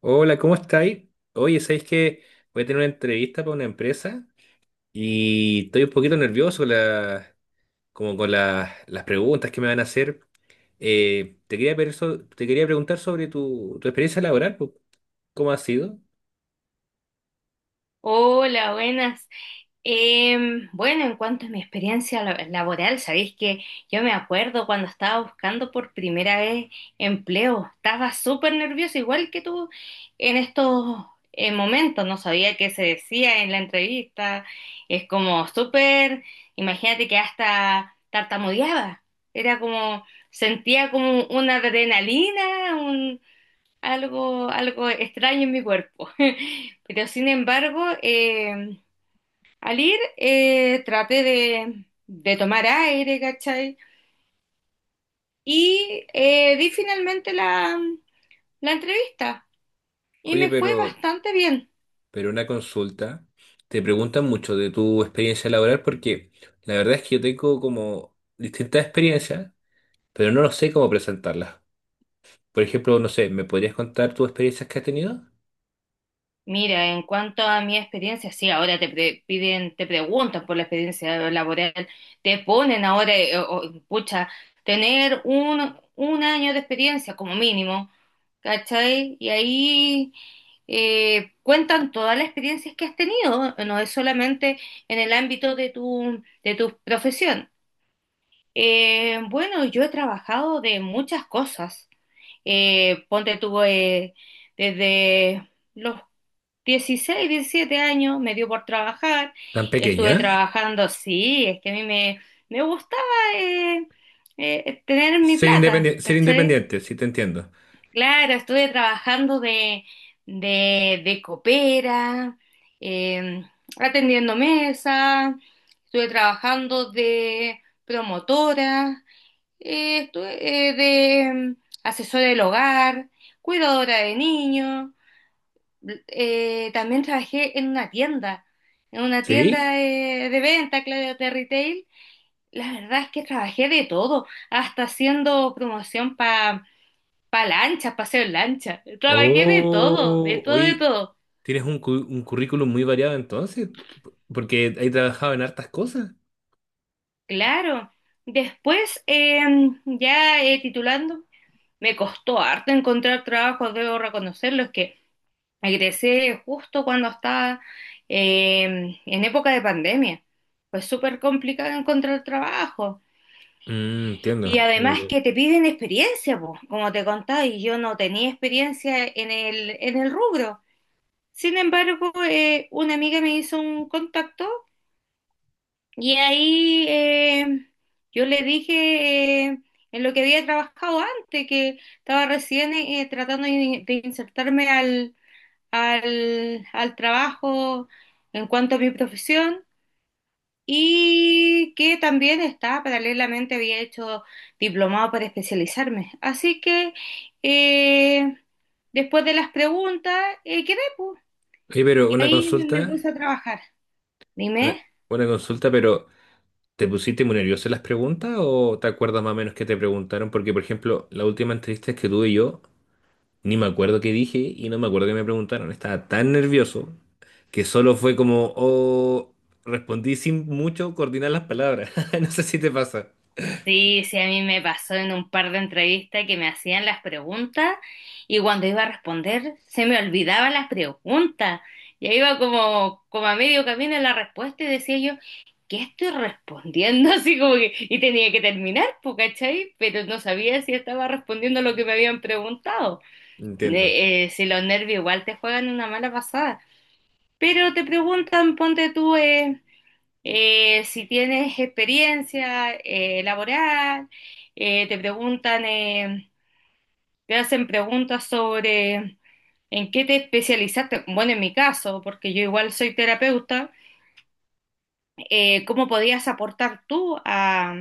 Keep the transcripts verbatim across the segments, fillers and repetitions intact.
Hola, ¿cómo estáis? Oye, ¿sabéis que voy a tener una entrevista para una empresa y estoy un poquito nervioso con la- como con la- las preguntas que me van a hacer? Eh, te quería, pedir so- te quería preguntar sobre tu, tu experiencia laboral, po. ¿cómo ha sido? Hola, buenas. Em, bueno, en cuanto a mi experiencia la- laboral, sabéis que yo me acuerdo cuando estaba buscando por primera vez empleo, estaba súper nerviosa, igual que tú en estos eh, momentos. No sabía qué se decía en la entrevista, es como súper, imagínate que hasta tartamudeaba, era como, sentía como una adrenalina, algo, algo extraño en mi cuerpo. Pero sin embargo, eh, al ir eh, traté de, de tomar aire, ¿cachai? Y eh, di finalmente la, la entrevista y Oye, me fue pero, bastante bien. pero una consulta, te preguntan mucho de tu experiencia laboral porque la verdad es que yo tengo como distintas experiencias, pero no lo sé cómo presentarlas. Por ejemplo, no sé, ¿me podrías contar tus experiencias que has tenido? Mira, en cuanto a mi experiencia, sí, ahora te pre- piden, te preguntan por la experiencia laboral, te ponen ahora, eh, o- pucha, tener un, un año de experiencia como mínimo, ¿cachai? Y ahí eh, cuentan todas las experiencias que has tenido, no es solamente en el ámbito de tu, de tu profesión. Eh, bueno, yo he trabajado de muchas cosas. Eh, ponte tú eh, desde los dieciséis o diecisiete años, me dio por trabajar, ¿Tan pequeña? estuve trabajando, sí, es que a mí me, me gustaba eh, eh, tener mi Ser plata, independiente, ser ¿cachai? independiente, sí, te entiendo. Claro, estuve trabajando de, de, de copera, eh, atendiendo mesa, estuve trabajando de promotora, eh, estuve eh, de mm, asesora del hogar, cuidadora de niños, eh, también trabajé en una tienda, en una tienda ¿Sí? de, de venta, claro, de retail. La verdad es que trabajé de todo, hasta haciendo promoción para pa lanchas, paseo en lancha. Trabajé de todo, de Oh, todo, de hoy todo. tienes un, cu- un currículum muy variado entonces, porque he trabajado en hartas cosas. Claro. Después, eh, ya eh, titulando, me costó harto encontrar trabajo, debo reconocerlo, es que egresé justo cuando estaba eh, en época de pandemia. Fue súper complicado encontrar trabajo. Mm, entiendo. Y además que te piden experiencia, pues, como te contaba, y yo no tenía experiencia en el, en el rubro. Sin embargo, eh, una amiga me hizo un contacto y ahí eh, yo le dije eh, en lo que había trabajado antes, que estaba recién eh, eh, tratando de, de insertarme al, al, al trabajo en cuanto a mi profesión, y que también está, paralelamente había hecho diplomado para especializarme. Así que eh, después de las preguntas, eh, quedé, pues, Oye, pero y una ahí me consulta, puse a trabajar. una, Dime. una consulta, pero ¿te pusiste muy nervioso en las preguntas o te acuerdas más o menos que te preguntaron? Porque, por ejemplo, la última entrevista que tuve yo, ni me acuerdo qué dije y no me acuerdo qué me preguntaron. Estaba tan nervioso que solo fue como, oh, respondí sin mucho coordinar las palabras. No sé si te pasa. Sí, sí, a mí me pasó en un par de entrevistas que me hacían las preguntas y cuando iba a responder se me olvidaban las preguntas. Ya iba como, como a medio camino en la respuesta, y decía yo, ¿qué estoy respondiendo? Así como que, y tenía que terminar, po, ¿cachai? Pero no sabía si estaba respondiendo lo que me habían preguntado. Entiendo, Eh, eh, si los nervios igual te juegan una mala pasada. Pero te preguntan, ponte tú, eh, eh, si tienes experiencia eh, laboral, eh, te preguntan, eh, te hacen preguntas sobre en qué te especializaste. Bueno, en mi caso, porque yo igual soy terapeuta, eh, ¿cómo podías aportar tú a,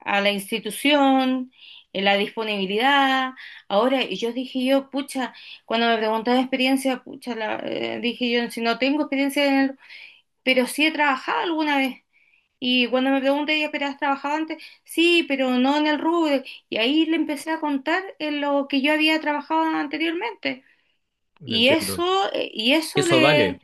a la institución? Eh, la disponibilidad, ahora, y yo dije yo, pucha, cuando me preguntaron experiencia, pucha, la- eh, dije yo, si no tengo experiencia en el, pero sí he trabajado alguna vez. Y cuando me pregunté, ¿ya pero has trabajado antes? Sí, pero no en el rubro. Y ahí le empecé a contar en lo que yo había trabajado anteriormente. Y entiendo. eso, eh, y eso Eso le, vale,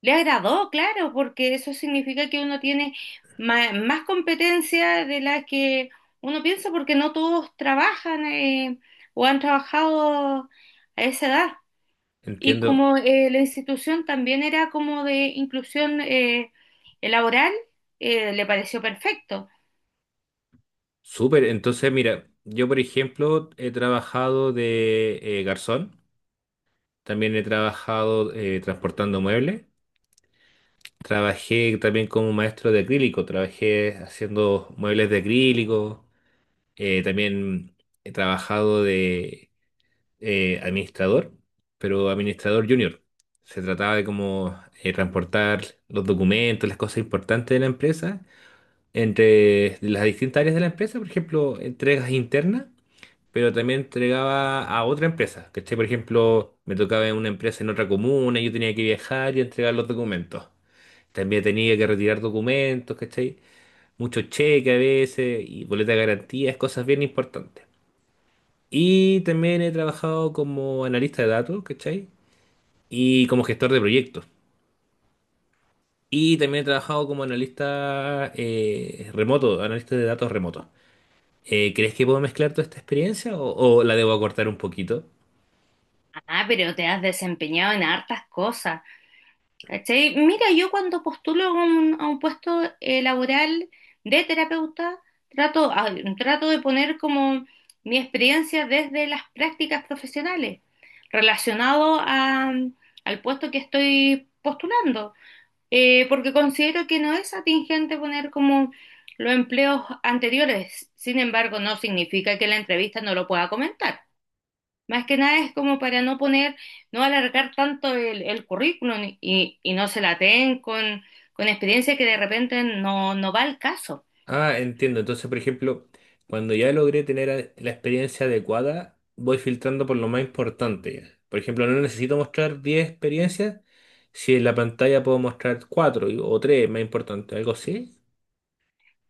le agradó, claro, porque eso significa que uno tiene ma- más competencia de la que uno piensa, porque no todos trabajan eh, o han trabajado a esa edad. Y entiendo. como eh, la institución también era como de inclusión eh, laboral, eh, le pareció perfecto. Súper, entonces mira, yo por ejemplo he trabajado de eh, garzón, también he trabajado eh, transportando muebles, trabajé también como maestro de acrílico, trabajé haciendo muebles de acrílico, eh, también he trabajado de eh, administrador, pero administrador junior. Se trataba de como eh, transportar los documentos, las cosas importantes de la empresa, entre las distintas áreas de la empresa, por ejemplo, entregas internas, pero también entregaba a otra empresa. ¿Cachai? Por ejemplo, me tocaba en una empresa en otra comuna, yo tenía que viajar y entregar los documentos. También tenía que retirar documentos, ¿cachai? Muchos cheques a veces y boletas de garantías, cosas bien importantes. Y también he trabajado como analista de datos, ¿cachai? Y como gestor de proyectos. Y también he trabajado como analista eh, remoto, analista de datos remoto. Eh, ¿crees que puedo mezclar toda esta experiencia o, o la debo acortar un poquito? Ah, pero te has desempeñado en hartas cosas, ¿cachai? Mira, yo cuando postulo a un, a un puesto eh, laboral de terapeuta, trato, ah, trato de poner como mi experiencia desde las prácticas profesionales, relacionado a- al puesto que estoy postulando, eh, porque considero que no es atingente poner como los empleos anteriores. Sin embargo, no significa que la entrevista no lo pueda comentar. Más que nada es como para no poner, no alargar tanto el, el currículum, y, y no se la den con, con experiencia que de repente no, no va al caso. Ah, entiendo. Entonces, por ejemplo, cuando ya logré tener a- la experiencia adecuada, voy filtrando por lo más importante. Por ejemplo, no necesito mostrar diez experiencias si en la pantalla puedo mostrar cuatro o tres más importantes, algo así.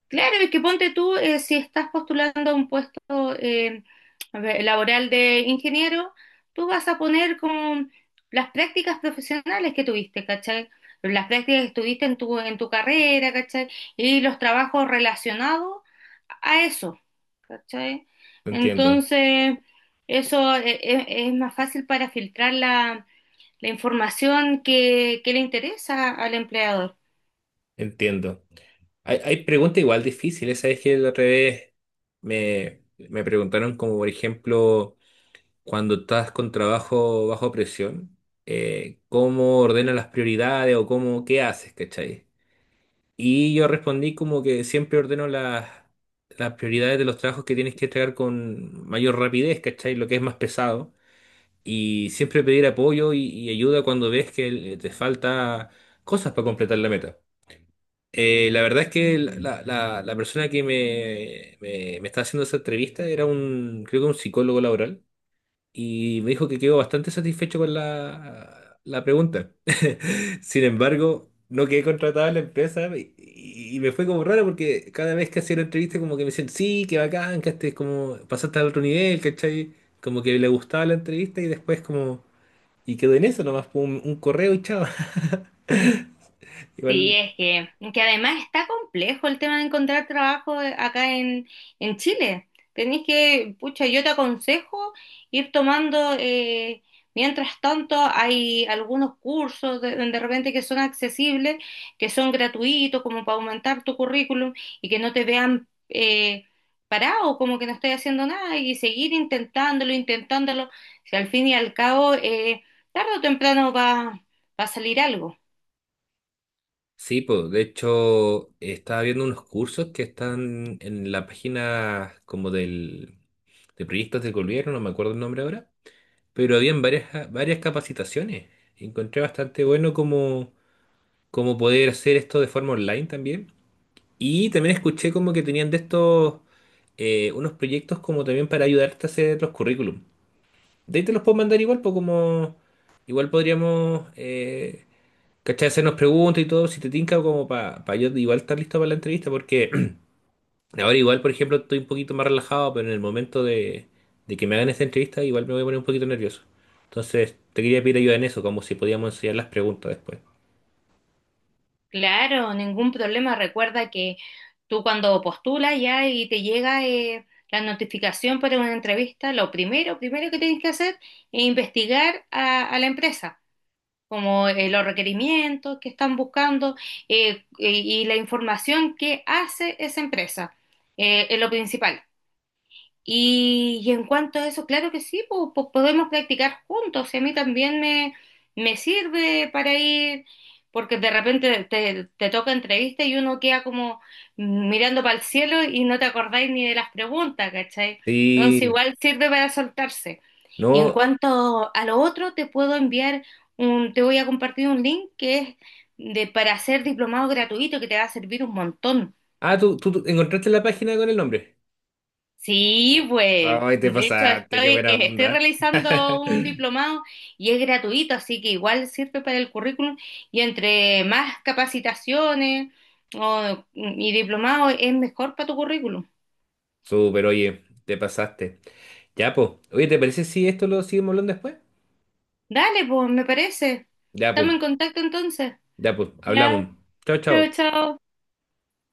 Claro, es que ponte tú, eh, si estás postulando a un puesto eh, a ver, laboral de ingeniero, tú vas a poner como las prácticas profesionales que tuviste, ¿cachai? Las prácticas que tuviste en tu, en tu carrera, ¿cachai? Y los trabajos relacionados a eso, ¿cachai? Entiendo, Entonces, eso eh, eh, es, más fácil para filtrar la, la información que, que le interesa al empleador. entiendo. Hay, hay preguntas igual difíciles, ¿sabes? Que la otra vez me, me preguntaron como, por ejemplo, cuando estás con trabajo bajo presión, eh, ¿cómo ordenas las prioridades o cómo, qué haces, ¿cachai? Y yo respondí como que siempre ordeno las, las prioridades de los trabajos que tienes que entregar con mayor rapidez, ¿cachai? Lo que es más pesado. Y siempre pedir apoyo y, y ayuda cuando ves que eh, te falta cosas para completar la meta. Eh, la verdad es que la, la- la- persona que me, me, me está haciendo esa entrevista era un, creo que un psicólogo laboral y me dijo que quedó bastante satisfecho con la, la pregunta. Sin embargo, no quedé contratado en la empresa y, y- y me fue como raro porque cada vez que hacía la entrevista como que me decían, sí, qué bacán, que este, como pasaste al otro nivel, ¿cachai? Como que le gustaba la entrevista y después como... Y quedó en eso nomás, un, un correo y chao. Sí, Igual. es que, que además está complejo el tema de encontrar trabajo eh, acá en, en Chile. Tenés que, pucha, yo te aconsejo ir tomando, eh, mientras tanto hay algunos cursos de, de repente que son accesibles, que son gratuitos, como para aumentar tu currículum y que no te vean eh, parado, como que no estoy haciendo nada, y seguir intentándolo, intentándolo. Si al fin y al cabo, eh, tarde o temprano va, va a salir algo. Sí, pues, de hecho, estaba viendo unos cursos que están en la página como del, de proyectos del gobierno, no me acuerdo el nombre ahora, pero habían varias, varias capacitaciones. Encontré bastante bueno como, como poder hacer esto de forma online también. Y también escuché como que tenían de estos eh, unos proyectos como también para ayudarte a hacer los currículum. De ahí te los puedo mandar igual, pues, como igual podríamos... eh, ¿Cachai? Hacernos preguntas y todo, si te tinca como para yo igual estar listo para la entrevista, porque ahora igual, por ejemplo, estoy un poquito más relajado, pero en el momento de, de, que me hagan esta entrevista, igual me voy a poner un poquito nervioso. Entonces, te quería pedir ayuda en eso, como si podíamos enseñar las preguntas después. Claro, ningún problema. Recuerda que tú cuando postulas ya y te llega eh, la notificación para una entrevista, lo primero, primero que tienes que hacer es investigar a, a la empresa, como eh, los requerimientos que están buscando, eh, y, y la información que hace esa empresa. Eh, es lo principal. Y, y en cuanto a eso, claro que sí, pues, pues podemos practicar juntos. Y a mí también me, me sirve para ir, porque de repente te, te toca entrevista y uno queda como mirando para el cielo y no te acordáis ni de las preguntas, ¿cachai? Entonces Sí, igual sirve para soltarse. Y en no. cuanto a lo otro, te puedo enviar un, te voy a compartir un link que es de, para hacer diplomado gratuito que te va a servir un montón. Ah, ¿tú, tú, tú encontraste la página con el nombre? Sí, pues, Ay, te de hecho pasaste, qué estoy, buena eh, estoy onda. realizando un diplomado y es gratuito, así que igual sirve para el currículum, y entre más capacitaciones o- y diplomado es mejor para tu currículum. Súper, oye, te pasaste. Ya, pues. Oye, ¿te parece si esto lo seguimos hablando después? Dale, pues, me parece. Ya, pues. Estamos en contacto entonces. Ya, pues. Ya, Hablamos. Chao, chao, chao. chao.